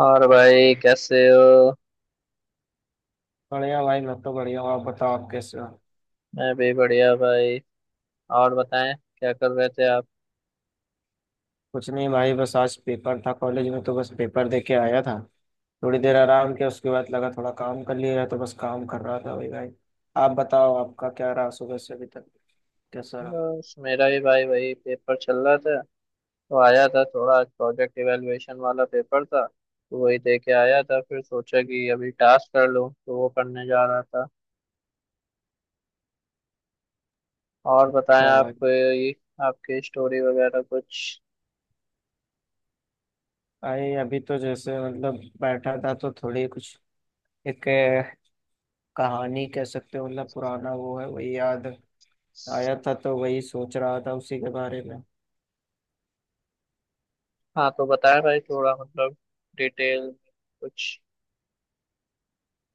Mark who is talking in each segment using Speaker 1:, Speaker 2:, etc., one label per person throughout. Speaker 1: और भाई कैसे हो।
Speaker 2: बढ़िया भाई। मैं तो बढ़िया हूँ। आप बताओ, आप कैसे हो?
Speaker 1: मैं भी बढ़िया भाई। और बताएं क्या कर रहे थे आप।
Speaker 2: कुछ नहीं भाई, बस आज पेपर था कॉलेज में, तो बस पेपर दे के आया था। थोड़ी देर आराम किया, उसके बाद लगा थोड़ा काम कर लिया जाए, तो बस काम कर रहा था। भाई भाई, आप बताओ आपका क्या रहा सुबह से अभी तक? कैसा रहा?
Speaker 1: बस मेरा भी भाई वही पेपर चल रहा था। तो आया था, थोड़ा आज प्रोजेक्ट इवेलुएशन वाला पेपर था तो वही दे के आया था। फिर सोचा कि अभी टास्क कर लूँ तो वो करने जा रहा था। और बताएं
Speaker 2: अच्छा
Speaker 1: आप
Speaker 2: भाई।
Speaker 1: ये आपकी स्टोरी वगैरह कुछ।
Speaker 2: भाई, अभी तो जैसे मतलब बैठा था, तो थोड़ी कुछ एक कहानी कह सकते हो। मतलब पुराना वो है, वही याद आया था, तो वही सोच रहा था उसी के बारे में।
Speaker 1: हाँ, तो बताएं भाई, थोड़ा मतलब डिटेल में कुछ।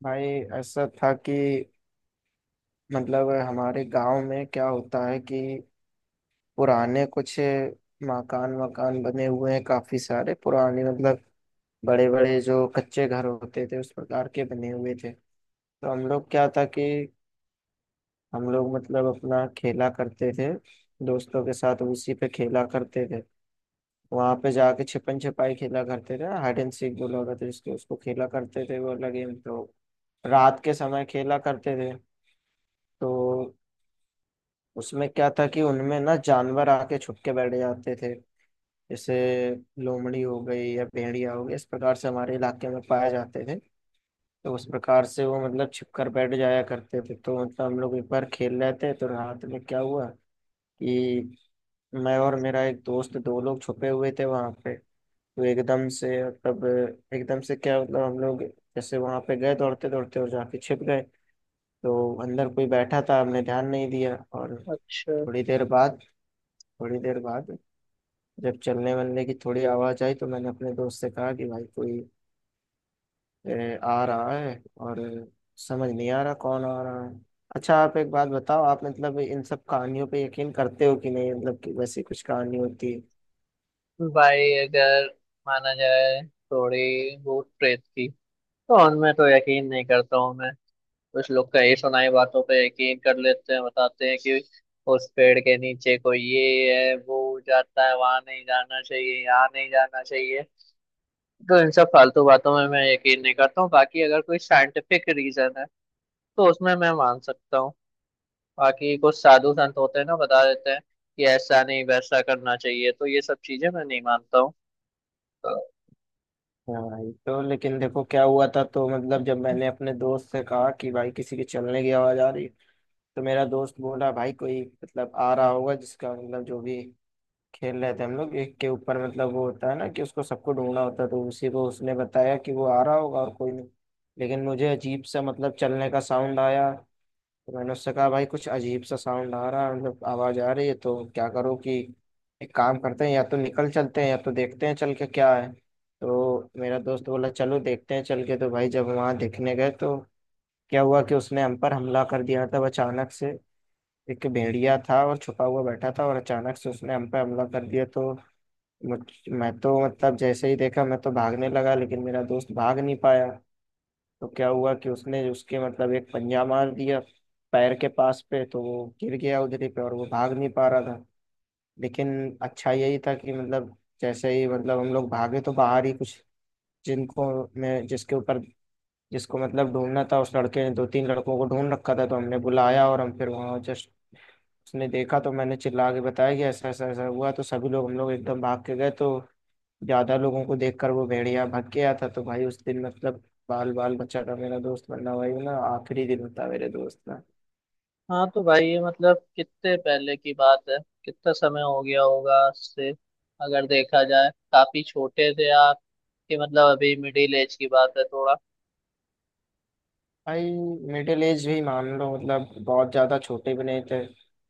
Speaker 2: भाई ऐसा था कि मतलब हमारे गांव में क्या होता है कि पुराने कुछ मकान मकान बने हुए हैं काफी सारे, पुराने मतलब बड़े बड़े जो कच्चे घर होते थे उस प्रकार के बने हुए थे। तो हम लोग क्या था कि हम लोग मतलब अपना खेला करते थे दोस्तों के साथ, उसी पे खेला करते थे। वहां पे जाके छिपन छिपाई खेला करते थे, हाइड एंड सीक बोला होता था जिसको उसको, खेला करते थे वो लगे तो। रात के समय खेला करते थे। तो उसमें क्या था कि उनमें ना जानवर आके छुप के बैठ जाते थे। जैसे लोमड़ी हो गई या भेड़िया हो गई, इस प्रकार से हमारे इलाके में पाए जाते थे। तो उस प्रकार से वो मतलब छिप कर बैठ जाया करते थे। तो मतलब हम लोग एक बार खेल रहे थे तो रात में क्या हुआ कि मैं और मेरा एक दोस्त दो लोग छुपे हुए थे वहां पे। तो एकदम से मतलब एकदम से क्या, मतलब हम लोग जैसे वहां पे गए दौड़ते दौड़ते और जाके छिप गए। तो अंदर कोई बैठा था, हमने ध्यान नहीं दिया। और
Speaker 1: अच्छा
Speaker 2: थोड़ी देर बाद थोड़ी देर बाद जब चलने वलने की थोड़ी आवाज आई, तो मैंने अपने दोस्त से कहा कि भाई कोई आ रहा है, और समझ नहीं आ रहा कौन आ रहा है। अच्छा आप एक बात बताओ, आप मतलब इन सब कहानियों पे यकीन करते हो कि नहीं, मतलब कि वैसी कुछ कहानी होती है।
Speaker 1: भाई, अगर माना जाए थोड़ी भूत प्रेत की, तो उनमें तो यकीन नहीं करता हूँ मैं। कुछ लोग कही सुनाई बातों पे यकीन कर लेते हैं, बताते हैं कि उस पेड़ के नीचे कोई ये है, वो जाता है, वहां नहीं जाना चाहिए, यहाँ नहीं जाना चाहिए। तो इन सब फालतू बातों में मैं यकीन नहीं करता हूँ। बाकी अगर कोई साइंटिफिक रीजन है तो उसमें मैं मान सकता हूँ। बाकी कुछ साधु संत होते हैं ना, बता देते हैं कि ऐसा नहीं वैसा करना चाहिए, तो ये सब चीजें मैं नहीं मानता हूँ तो।
Speaker 2: हाँ ये तो, लेकिन देखो क्या हुआ था। तो मतलब जब मैंने अपने दोस्त से कहा कि भाई किसी के चलने की आवाज आ रही, तो मेरा दोस्त बोला भाई कोई मतलब आ रहा होगा, जिसका मतलब जो भी खेल रहे थे हम लोग एक के ऊपर मतलब वो होता है ना कि उसको सबको ढूंढना होता है, तो उसी को उसने बताया कि वो आ रहा होगा और कोई नहीं। लेकिन मुझे अजीब सा मतलब चलने का साउंड आया। तो मैंने उससे कहा भाई कुछ अजीब सा साउंड आ रहा है, मतलब आवाज आ रही है, तो क्या करो कि एक काम करते हैं, या तो निकल चलते हैं या तो देखते हैं चल के क्या है। तो मेरा दोस्त बोला चलो देखते हैं चल के। तो भाई जब वहां देखने गए तो क्या हुआ कि उसने हम पर हमला कर दिया था वो, अचानक से। एक भेड़िया था और छुपा हुआ बैठा था, और अचानक से उसने हम पर हमला कर दिया। तो मुझ मैं तो मतलब जैसे ही देखा मैं तो भागने लगा, लेकिन मेरा दोस्त भाग नहीं पाया। तो क्या हुआ कि उसने उसके मतलब एक पंजा मार दिया पैर के पास पे, तो वो गिर गया उधर ही पे, और वो भाग नहीं पा रहा था। लेकिन अच्छा यही था कि मतलब जैसे ही मतलब हम लोग भागे तो बाहर ही कुछ जिनको मैं जिसके ऊपर जिसको मतलब ढूंढना था उस लड़के ने दो तीन लड़कों को ढूंढ रखा था, तो हमने बुलाया और हम फिर वहाँ जस्ट उसने देखा, तो मैंने चिल्ला के बताया कि ऐसा ऐसा ऐसा हुआ, तो सभी लोग हम लोग एकदम भाग के गए। तो ज्यादा लोगों को देखकर वो भेड़िया भाग गया था। तो भाई उस दिन मतलब बाल बाल बच्चा था मेरा दोस्त, वरना भाई ना आखिरी दिन था मेरे दोस्त का।
Speaker 1: हाँ, तो भाई ये मतलब कितने पहले की बात है, कितना समय हो गया होगा उससे। अगर देखा जाए काफी छोटे थे आप, कि मतलब अभी मिडिल एज की बात है थोड़ा।
Speaker 2: भाई मिडिल एज भी मान लो, मतलब बहुत ज्यादा छोटे भी नहीं थे।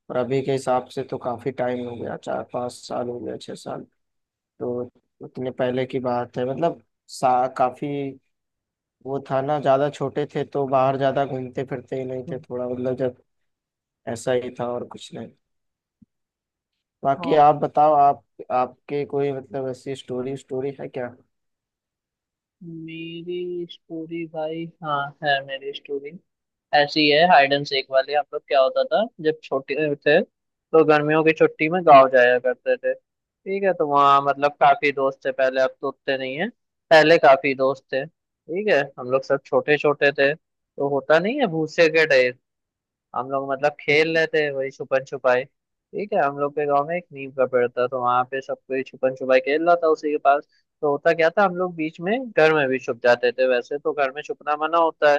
Speaker 2: और अभी के हिसाब से तो काफी टाइम हो गया, 4-5 साल हो गया, 6 साल। तो उतने पहले की बात है मतलब सा काफी। वो था ना ज्यादा छोटे थे तो बाहर ज्यादा घूमते फिरते ही नहीं थे, थोड़ा मतलब जब। ऐसा ही था और कुछ नहीं। बाकी
Speaker 1: हाँ,
Speaker 2: आप बताओ, आप आपके कोई मतलब ऐसी स्टोरी स्टोरी है क्या?
Speaker 1: मेरी स्टोरी भाई, हाँ है मेरी स्टोरी। ऐसी है हाइड एंड सीक वाली। हम लोग क्या होता था, जब छोटे थे तो गर्मियों की छुट्टी में गाँव जाया करते थे, ठीक है। तो वहाँ मतलब काफी दोस्त थे पहले, अब तो उतने नहीं है। पहले काफी दोस्त थे, ठीक है। हम लोग सब छोटे छोटे थे तो होता नहीं है भूसे के डे, हम लोग मतलब खेल लेते हैं वही छुपन छुपाई, ठीक है। हम लोग के गांव में एक नीम का पेड़ था, तो वहां पे सब कोई छुपन छुपाई खेल रहा था उसी के पास। तो होता क्या था, हम लोग बीच में घर में भी छुप जाते थे। वैसे तो घर में छुपना मना होता है,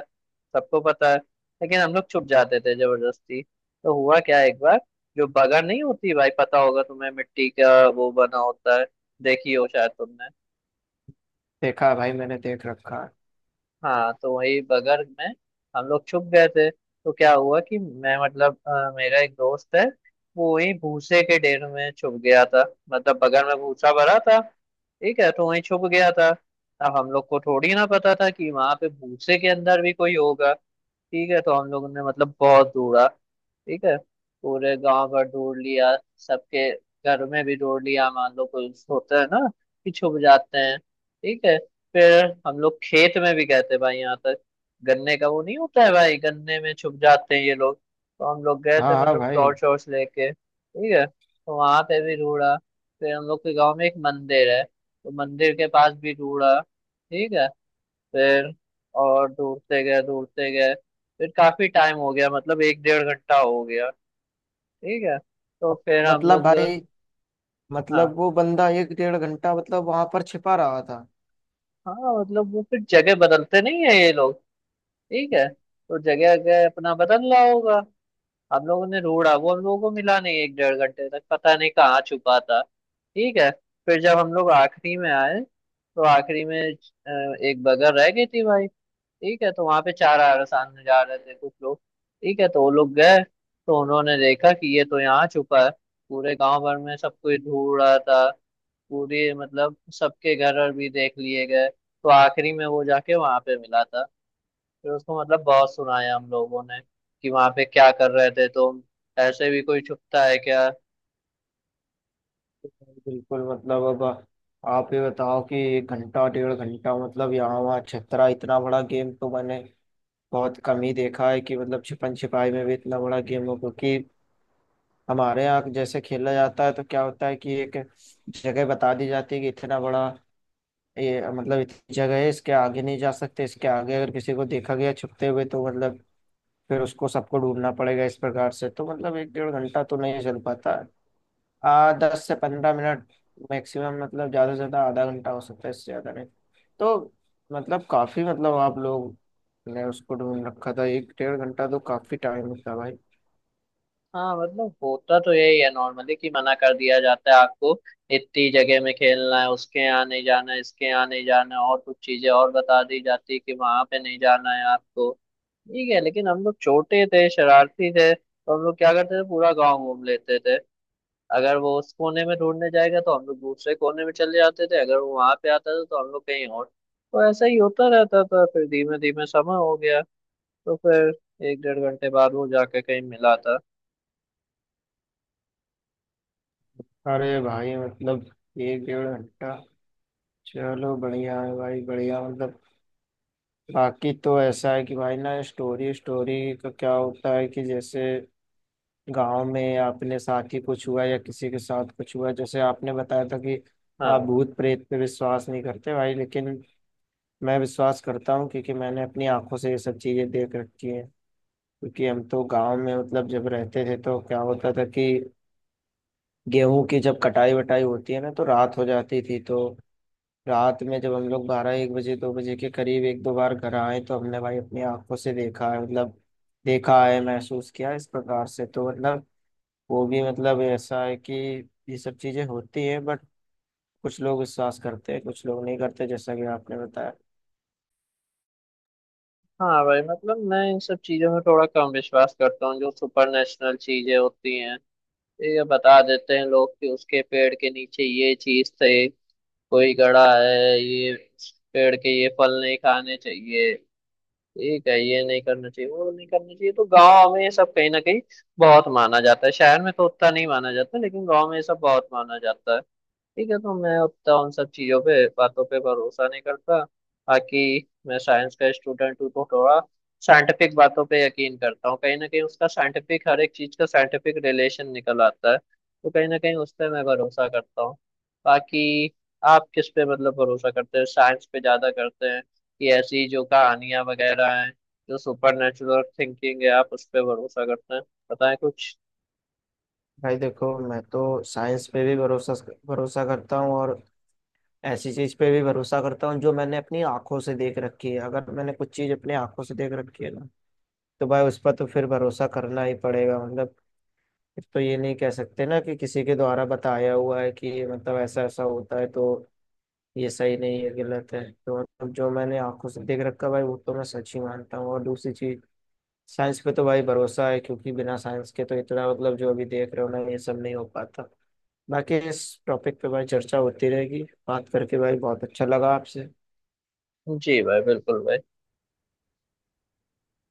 Speaker 1: सबको पता है, लेकिन हम लोग छुप जाते थे जबरदस्ती। तो हुआ क्या एक बार, जो बगर नहीं होती भाई, पता होगा तुम्हें, मिट्टी का वो बना होता है, देखी हो शायद तुमने।
Speaker 2: देखा है भाई, मैंने देख रखा है।
Speaker 1: हाँ, तो वही बगर में हम लोग छुप गए थे। तो क्या हुआ कि मैं मतलब मेरा एक दोस्त है, वो वही भूसे के ढेर में छुप गया था। मतलब बगर में भूसा भरा था, ठीक है, तो वहीं छुप गया था। अब हम लोग को थोड़ी ना पता था कि वहां पे भूसे के अंदर भी कोई होगा, ठीक है। तो हम लोगों ने मतलब बहुत ढूंढा, ठीक है। पूरे गांव भर ढूंढ लिया, सबके घर में भी ढूंढ लिया, मान लो कोई होता है ना कि छुप जाते हैं, ठीक है। फिर हम लोग खेत में भी गए थे भाई, यहाँ तक गन्ने का वो नहीं होता है भाई, गन्ने में छुप जाते हैं ये लोग, तो हम लोग गए थे
Speaker 2: हाँ हाँ
Speaker 1: मतलब
Speaker 2: भाई।
Speaker 1: टॉर्च वॉर्च लेके, ठीक है, तो वहां पे भी ढूंढा। फिर हम लोग के गाँव में एक मंदिर है, तो मंदिर के पास भी ढूंढा, ठीक है। फिर और ढूंढते गए ढूंढते गए, फिर काफी टाइम हो गया, मतलब एक डेढ़ घंटा हो गया, ठीक है। तो फिर हम
Speaker 2: मतलब
Speaker 1: लोग,
Speaker 2: भाई
Speaker 1: हाँ,
Speaker 2: मतलब वो बंदा एक डेढ़ घंटा मतलब वहां पर छिपा रहा था।
Speaker 1: हाँ, मतलब वो फिर जगह बदलते नहीं है ये लोग, ठीक है। तो जगह जगह अपना बदल रहा होगा। हम लोगों ने ढूंढा, वो हम लोगों को मिला नहीं एक डेढ़ घंटे तक, पता नहीं कहाँ छुपा था, ठीक है। फिर जब हम लोग आखिरी में आए, तो आखिरी में एक बगर रह गई थी भाई, ठीक है। तो वहां पे चार अरसान जा रहे थे कुछ लोग, ठीक है, तो वो लोग गए, तो उन्होंने देखा कि ये तो यहाँ छुपा है। पूरे गांव भर में सब कोई ढूंढ रहा था, पूरी मतलब सबके घर और भी देख लिए गए, तो आखिरी में वो जाके वहां पे मिला था। फिर उसको मतलब बहुत सुनाया हम लोगों ने कि वहां पे क्या कर रहे थे तुम, ऐसे भी कोई छुपता है क्या।
Speaker 2: बिल्कुल मतलब, अब आप ये बताओ कि एक घंटा डेढ़ घंटा मतलब यहाँ वहाँ छितरा, इतना बड़ा गेम तो मैंने बहुत कम ही देखा है कि मतलब छिपन छिपाई में भी इतना बड़ा गेम हो। क्योंकि हमारे यहाँ जैसे खेला जाता है तो क्या होता है कि एक जगह बता दी जाती है कि इतना बड़ा ये मतलब इतनी जगह है, इसके आगे नहीं जा सकते, इसके आगे अगर किसी को देखा गया छुपते हुए तो मतलब फिर उसको सबको ढूंढना पड़ेगा इस प्रकार से। तो मतलब एक डेढ़ घंटा तो नहीं चल पाता। आ 10 से 15 मिनट मैक्सिमम, मतलब ज्यादा से ज्यादा आधा घंटा हो सकता है, इससे ज्यादा नहीं। तो मतलब काफी, मतलब आप लोग ने उसको ढूंढ रखा था एक डेढ़ घंटा, तो काफी टाइम था भाई।
Speaker 1: हाँ, मतलब होता तो यही है नॉर्मली, कि मना कर दिया जाता है आपको इतनी जगह में खेलना है, उसके यहाँ नहीं जाना है, इसके यहाँ नहीं जाना है, और कुछ चीजें और बता दी जाती है कि वहां पे नहीं जाना है आपको, ठीक है। लेकिन हम लोग छोटे थे, शरारती थे, तो हम लोग क्या करते थे पूरा गांव घूम लेते थे। अगर वो उस कोने में ढूंढने जाएगा तो हम लोग दूसरे कोने में चले जाते थे, अगर वो वहां पे आता था तो हम लोग कहीं और। तो ऐसा ही होता रहता था, फिर धीमे धीमे समय हो गया, तो फिर एक डेढ़ घंटे बाद वो जाके कहीं मिला था।
Speaker 2: अरे भाई मतलब एक डेढ़ घंटा, चलो बढ़िया है भाई, बढ़िया मतलब। बाकी तो ऐसा है कि भाई ना स्टोरी स्टोरी का क्या होता है कि जैसे गांव में अपने साथ ही कुछ हुआ या किसी के साथ कुछ हुआ, जैसे आपने बताया था कि आप
Speaker 1: हाँ,
Speaker 2: भूत प्रेत पे विश्वास नहीं करते भाई। लेकिन मैं विश्वास करता हूँ, क्योंकि मैंने अपनी आंखों से ये सब चीजें देख रखी हैं। क्योंकि हम तो गांव में मतलब जब रहते थे तो क्या होता था कि गेहूं की जब कटाई वटाई होती है ना तो रात हो जाती थी, तो रात में जब हम लोग बारह एक बजे दो बजे के करीब एक दो बार घर आए, तो हमने भाई अपनी आंखों से देखा है, मतलब देखा है, महसूस किया है इस प्रकार से। तो मतलब वो भी मतलब ऐसा है कि ये सब चीजें होती हैं, बट कुछ लोग विश्वास करते हैं, कुछ लोग नहीं करते, जैसा कि आपने बताया।
Speaker 1: हाँ भाई, मतलब मैं इन सब चीजों में थोड़ा कम विश्वास करता हूँ, जो सुपर नेशनल चीजें होती हैं। तो ये बता देते हैं लोग कि उसके पेड़ के नीचे ये चीज थे, कोई गड़ा है, ये पेड़ के ये फल नहीं खाने चाहिए, ठीक है, ये नहीं करना चाहिए, वो नहीं करना चाहिए। तो गांव में ये सब कहीं ना कहीं बहुत माना जाता है, शहर में तो उतना नहीं माना जाता, लेकिन गांव में ये सब बहुत माना जाता है, ठीक है। तो मैं उतना उन सब चीज़ों पे बातों पे भरोसा नहीं करता। बाकी मैं साइंस का स्टूडेंट हूँ तो थोड़ा साइंटिफिक बातों पे यकीन करता हूँ, कहीं ना कहीं उसका साइंटिफिक, हर एक चीज़ का साइंटिफिक रिलेशन निकल आता है, तो कहीं ना कहीं उस पर मैं भरोसा करता हूँ। बाकी आप किस पे मतलब भरोसा करते हैं, साइंस पे ज़्यादा करते हैं कि ऐसी जो कहानियाँ वगैरह हैं, जो सुपर नेचुरल थिंकिंग है आप उस पर भरोसा करते हैं, बताएं कुछ।
Speaker 2: भाई देखो, मैं तो साइंस पे भी भरोसा भरोसा करता हूँ, और ऐसी चीज पे भी भरोसा करता हूँ जो मैंने अपनी आंखों से देख रखी है। अगर मैंने कुछ चीज अपनी आंखों से देख रखी है ना, तो भाई उस पर तो फिर भरोसा करना ही पड़ेगा मतलब। फिर तो ये नहीं कह सकते ना कि किसी के द्वारा बताया हुआ है कि ये मतलब ऐसा ऐसा होता है, तो ये सही नहीं है, गलत है। तो मतलब जो मैंने आंखों से देख रखा है भाई, वो तो मैं सच ही मानता हूँ। और दूसरी चीज, साइंस पे तो भाई भरोसा है, क्योंकि बिना साइंस के तो इतना मतलब जो अभी देख रहे हो ना ये सब नहीं हो पाता। बाकी इस टॉपिक पे भाई चर्चा होती रहेगी। बात करके भाई बहुत अच्छा लगा आपसे।
Speaker 1: जी भाई, बिल्कुल भाई।